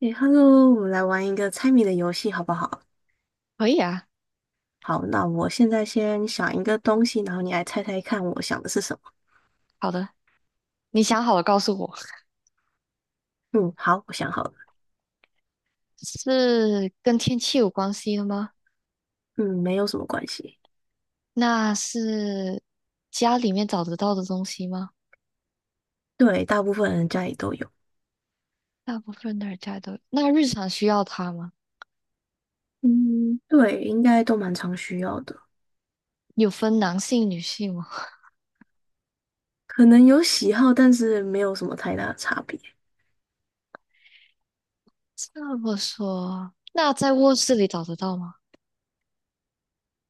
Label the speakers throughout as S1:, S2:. S1: 诶，Hello，我们来玩一个猜谜的游戏，好不好？
S2: 可以啊。
S1: 好，那我现在先想一个东西，然后你来猜猜看，我想的是什么？
S2: 好的，你想好了告诉我。
S1: 嗯，好，我想好了。
S2: 是跟天气有关系的吗？
S1: 嗯，没有什么关系。
S2: 那是家里面找得到的东西吗？
S1: 对，大部分人家里都有。
S2: 大部分的人家都，那日常需要它吗？
S1: 嗯，对，应该都蛮常需要的，
S2: 有分男性、女性吗？
S1: 可能有喜好，但是没有什么太大的差别。
S2: 这么说，那在卧室里找得到吗？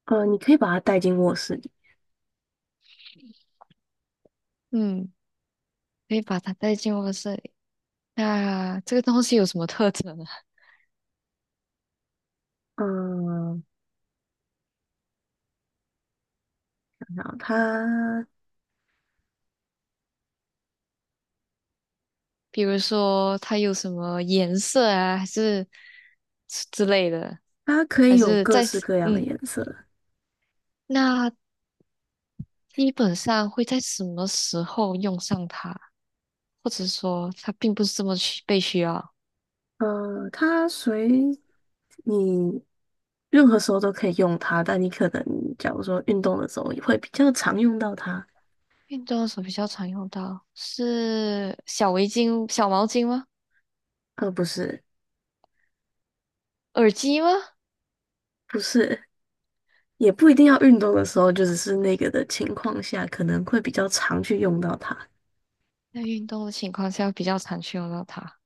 S1: 你可以把它带进卧室里。
S2: 嗯，可以把它带进卧室里。那这个东西有什么特征呢？
S1: 嗯，想想它，
S2: 比如说它有什么颜色啊，还是之类的，
S1: 它可以
S2: 还
S1: 有
S2: 是
S1: 各
S2: 在，
S1: 式各样的
S2: 嗯。
S1: 颜色。
S2: 那基本上会在什么时候用上它，或者说它并不是这么需被需要。
S1: 它随你任何时候都可以用它，但你可能假如说运动的时候也会比较常用到它，
S2: 运动的时候比较常用到，是小围巾、小毛巾吗？
S1: 呃，不是，
S2: 耳机吗？
S1: 不是，也不一定要运动的时候，就只是那个的情况下，可能会比较常去用到它，
S2: 在运动的情况下比较常去用到它，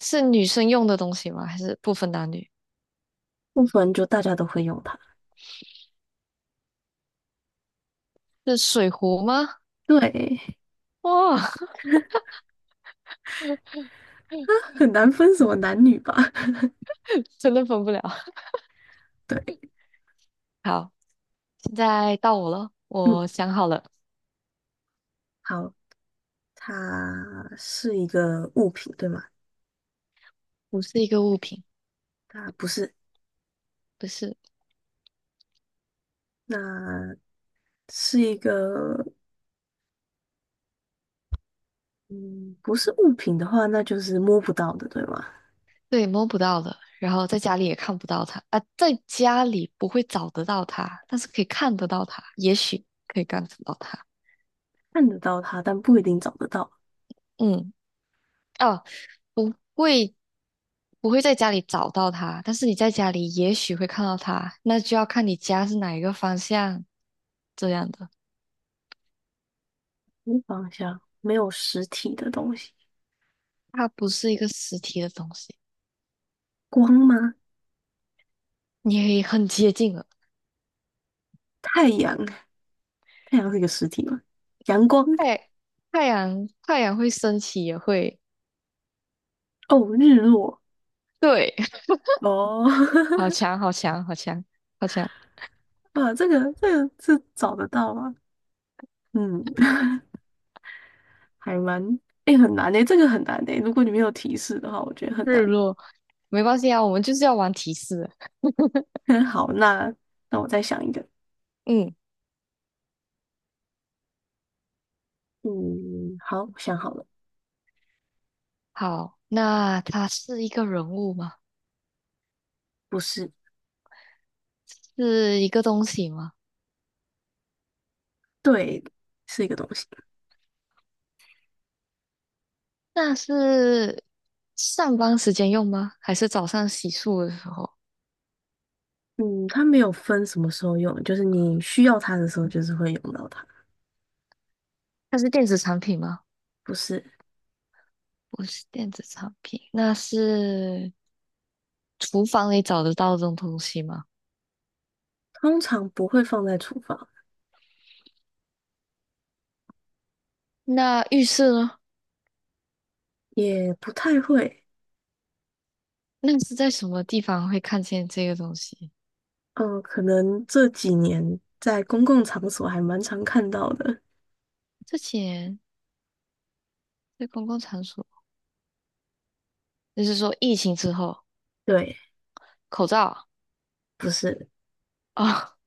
S2: 是女生用的东西吗？还是不分男女？
S1: 不然就大家都会用它。
S2: 是水壶吗？
S1: 对，
S2: 哇，
S1: 很难分什么男女吧？
S2: 真的分不了。
S1: 对，
S2: 好，现在到我了，
S1: 嗯，
S2: 我想好了，
S1: 好，它是一个物品，对吗？
S2: 不是一个物品，
S1: 它不是，
S2: 不是。
S1: 那是一个，嗯，不是物品的话，那就是摸不到的，对吗？
S2: 对，摸不到的，然后在家里也看不到它啊，在家里不会找得到它，但是可以看得到它，也许可以看得到它。
S1: 看得到它，但不一定找得到。
S2: 嗯，哦，不会，不会在家里找到它，但是你在家里也许会看到它，那就要看你家是哪一个方向这样的。
S1: 方向，没有实体的东西。
S2: 它不是一个实体的东西，
S1: 光吗？
S2: 你可以很接近了。
S1: 太阳，太阳是一个实体吗？阳光，
S2: 太太阳太阳会升起也会，
S1: 哦，日落，
S2: 对，
S1: 哦，
S2: 好强，好强，好强，好强。
S1: 哇，这个是找得到吗？嗯，还蛮，哎，很难诶，这个很难诶。如果你没有提示的话，我觉得很
S2: 日
S1: 难。
S2: 落，没关系啊，我们就是要玩提示。
S1: 好，那我再想一个。
S2: 嗯，
S1: 嗯，好，我想好了，
S2: 好，那它是一个人物吗？
S1: 不是，
S2: 是一个东西吗？
S1: 对，是一个东西。
S2: 那是上班时间用吗？还是早上洗漱的时候？
S1: 嗯，它没有分什么时候用，就是你需要它的时候，就是会用到它。
S2: 它是电子产品吗？
S1: 不是，
S2: 不是电子产品，那是厨房里找得到这种东西吗？
S1: 通常不会放在厨房，
S2: 那浴室呢？
S1: 也不太会。
S2: 那是在什么地方会看见这个东西？
S1: 嗯，可能这几年在公共场所还蛮常看到的。
S2: 之前在公共场所，就是说疫情之后，
S1: 对，
S2: 口罩啊。
S1: 不是，
S2: 哦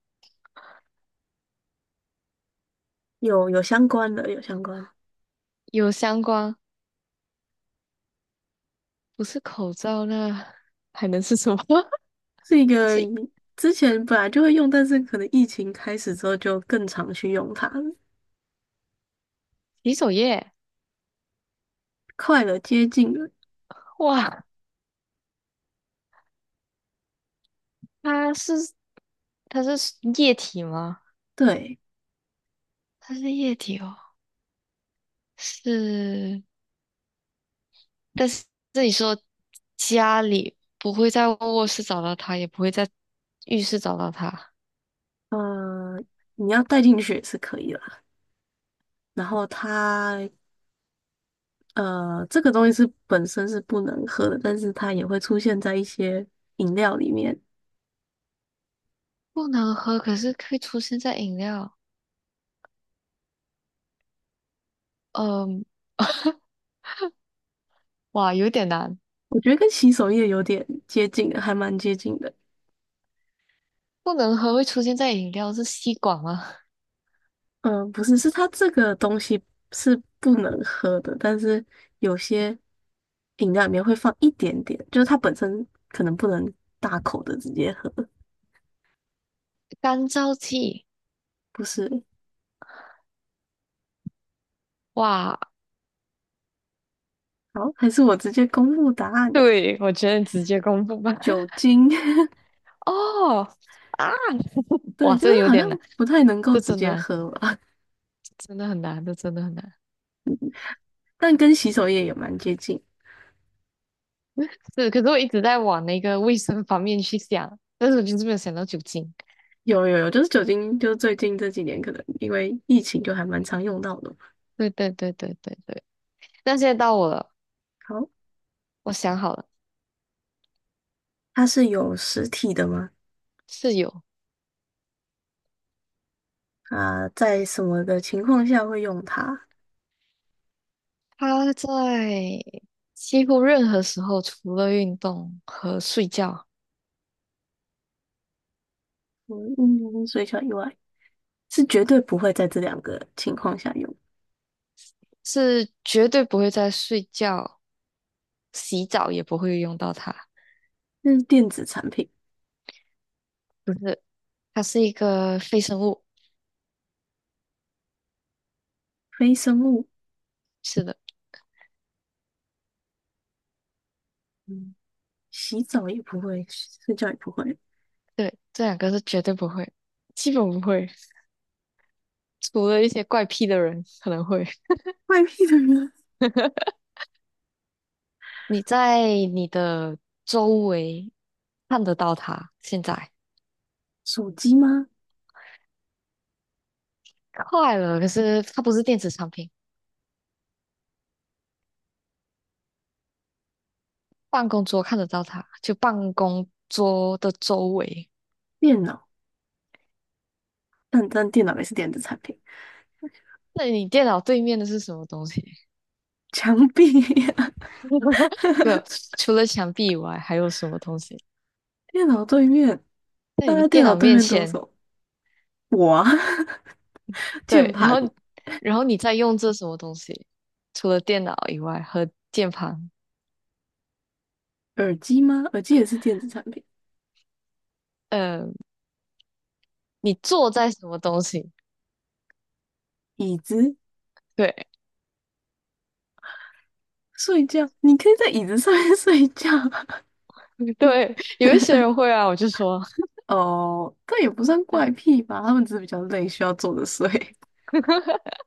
S1: 有有相关的，有相关，
S2: 有相关，不是口罩那还能是什么？
S1: 是一个
S2: 是
S1: 之前本来就会用，但是可能疫情开始之后就更常去用它了，
S2: 洗手液。
S1: 快了，接近了。
S2: 哇，它是它是液体吗？
S1: 对，
S2: 它是液体哦，是。但是这里说家里不会在卧室找到它，也不会在浴室找到它，
S1: 呃，你要带进去也是可以啦。然后它这个东西是本身是不能喝的，但是它也会出现在一些饮料里面。
S2: 不能喝，可是会出现在饮料。嗯，哇，有点难。
S1: 我觉得跟洗手液有点接近的，还蛮接近的。
S2: 不能喝会出现在饮料是吸管吗？
S1: 嗯、不是，是它这个东西是不能喝的，但是有些饮料里面会放一点点，就是它本身可能不能大口的直接喝。
S2: 干燥剂。
S1: 不是，
S2: 哇，
S1: 好，还是我直接公布答案，
S2: 对，我觉得你直接公布吧。
S1: 酒精。
S2: 哦啊，
S1: 对，
S2: 哇，
S1: 就
S2: 这
S1: 是
S2: 个有
S1: 好像
S2: 点难，
S1: 不太能够
S2: 这
S1: 直
S2: 真
S1: 接
S2: 难，
S1: 喝吧，
S2: 真的很难，这真的很难。
S1: 但跟洗手液也蛮接近。
S2: 是，可是我一直在往那个卫生方面去想，但是我就是没有想到酒精。
S1: 有有有，就是酒精，就是最近这几年可能因为疫情就还蛮常用到的。
S2: 对对对对对对。那现在到我了，
S1: 好，
S2: 我想好了，
S1: 它是有实体的吗？
S2: 室友，
S1: 啊，在什么的情况下会用它？
S2: 他在几乎任何时候，除了运动和睡觉，
S1: 嗯嗯，水饺以外是绝对不会在这两个情况下用，
S2: 是绝对不会在睡觉、洗澡也不会用到它。
S1: 那是电子产品，
S2: 不是，它是一个非生物。
S1: 非生物。
S2: 是的。
S1: 嗯，洗澡也不会，睡觉也不会。
S2: 对，这两个是绝对不会，基本不会，除了一些怪癖的人可能会。
S1: 外面的人，
S2: 你在你的周围看得到它，现在
S1: 手机吗？
S2: 快了，可是它不是电子产品，办公桌看得到它，就办公桌的周围。
S1: 电脑，但电脑也是电子产品。
S2: 那你电脑对面的是什么东西？
S1: 墙壁呀
S2: 没有，除了墙壁以外，还有什么东西？
S1: 电脑对面，
S2: 在
S1: 大
S2: 你
S1: 家
S2: 电
S1: 电脑
S2: 脑
S1: 对
S2: 面
S1: 面都有什
S2: 前，
S1: 么？我啊。键
S2: 对，然
S1: 盘、
S2: 后，然后你在用这什么东西？除了电脑以外和键盘，
S1: 耳机吗？耳机也是电子产品。
S2: 呃你坐在什么东西？
S1: 椅子、
S2: 对
S1: 睡觉，你可以在椅子上面 睡觉。
S2: 对，有一些人 会啊，我就说，
S1: 哦，但也不算怪癖吧，他们只是比较累，需要坐着睡。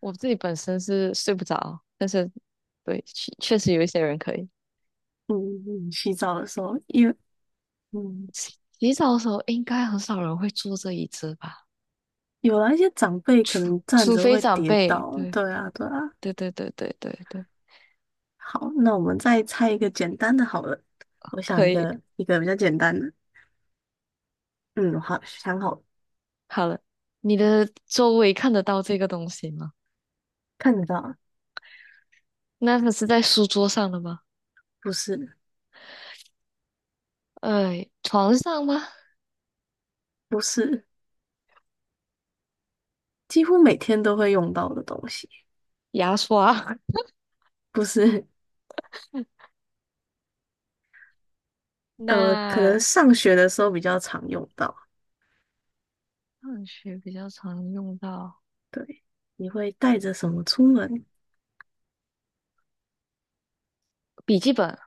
S2: 我自己本身是睡不着，但是对，确实有一些人可以。
S1: 嗯，洗澡的时候，因为嗯，
S2: 洗洗澡的时候应该很少人会坐这椅子吧？
S1: 有啊，一些长辈可
S2: 除
S1: 能站
S2: 除
S1: 着
S2: 非
S1: 会
S2: 长
S1: 跌
S2: 辈。
S1: 倒。
S2: 对
S1: 对啊，对啊。
S2: 对对对对对对，
S1: 好，那我们再猜一个简单的好了。我想
S2: 可
S1: 一
S2: 以。
S1: 个一个比较简单的。嗯，好，想好了
S2: 好了，你的周围看得到这个东西吗？
S1: 看得到啊
S2: 那它是在书桌上的吗？
S1: 不是，
S2: 呃，床上吗？
S1: 不是，几乎每天都会用到的东西。
S2: 牙刷。
S1: 不是，可能
S2: 那
S1: 上学的时候比较常用到。
S2: 上学比较常用到。
S1: 对，你会带着什么出门？
S2: 笔记本、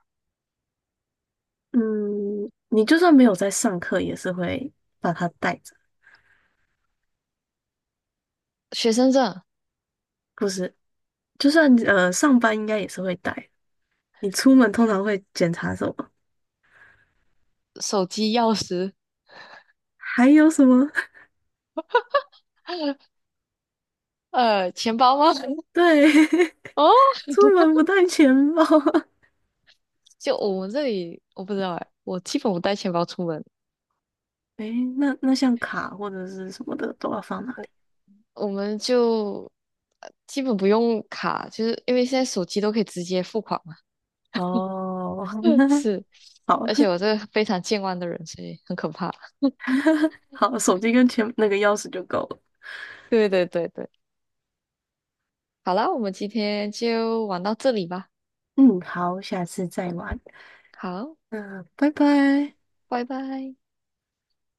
S1: 嗯，你就算没有在上课，也是会把它带着。
S2: 学生证、
S1: 不是，就算上班，应该也是会带。你出门通常会检查什么？
S2: 手机、钥匙，
S1: 还有什么？
S2: 呃，钱包吗？
S1: 对，
S2: 哦，
S1: 出门不带钱包。
S2: 就我们这里我不知道哎，我基本不带钱包出门，
S1: 诶，那像卡或者是什么的都要放哪里？
S2: 我我们就基本不用卡，就是因为现在手机都可以直接付款嘛。
S1: 哦，
S2: 是，
S1: 好
S2: 而且我这 个非常健忘的人，所以很可怕。
S1: 好，手机跟钱那个钥匙就够了。
S2: 对对对对，好啦，我们今天就玩到这里吧。
S1: 嗯，好，下次再玩。
S2: 好，
S1: 嗯，拜拜。
S2: 拜拜。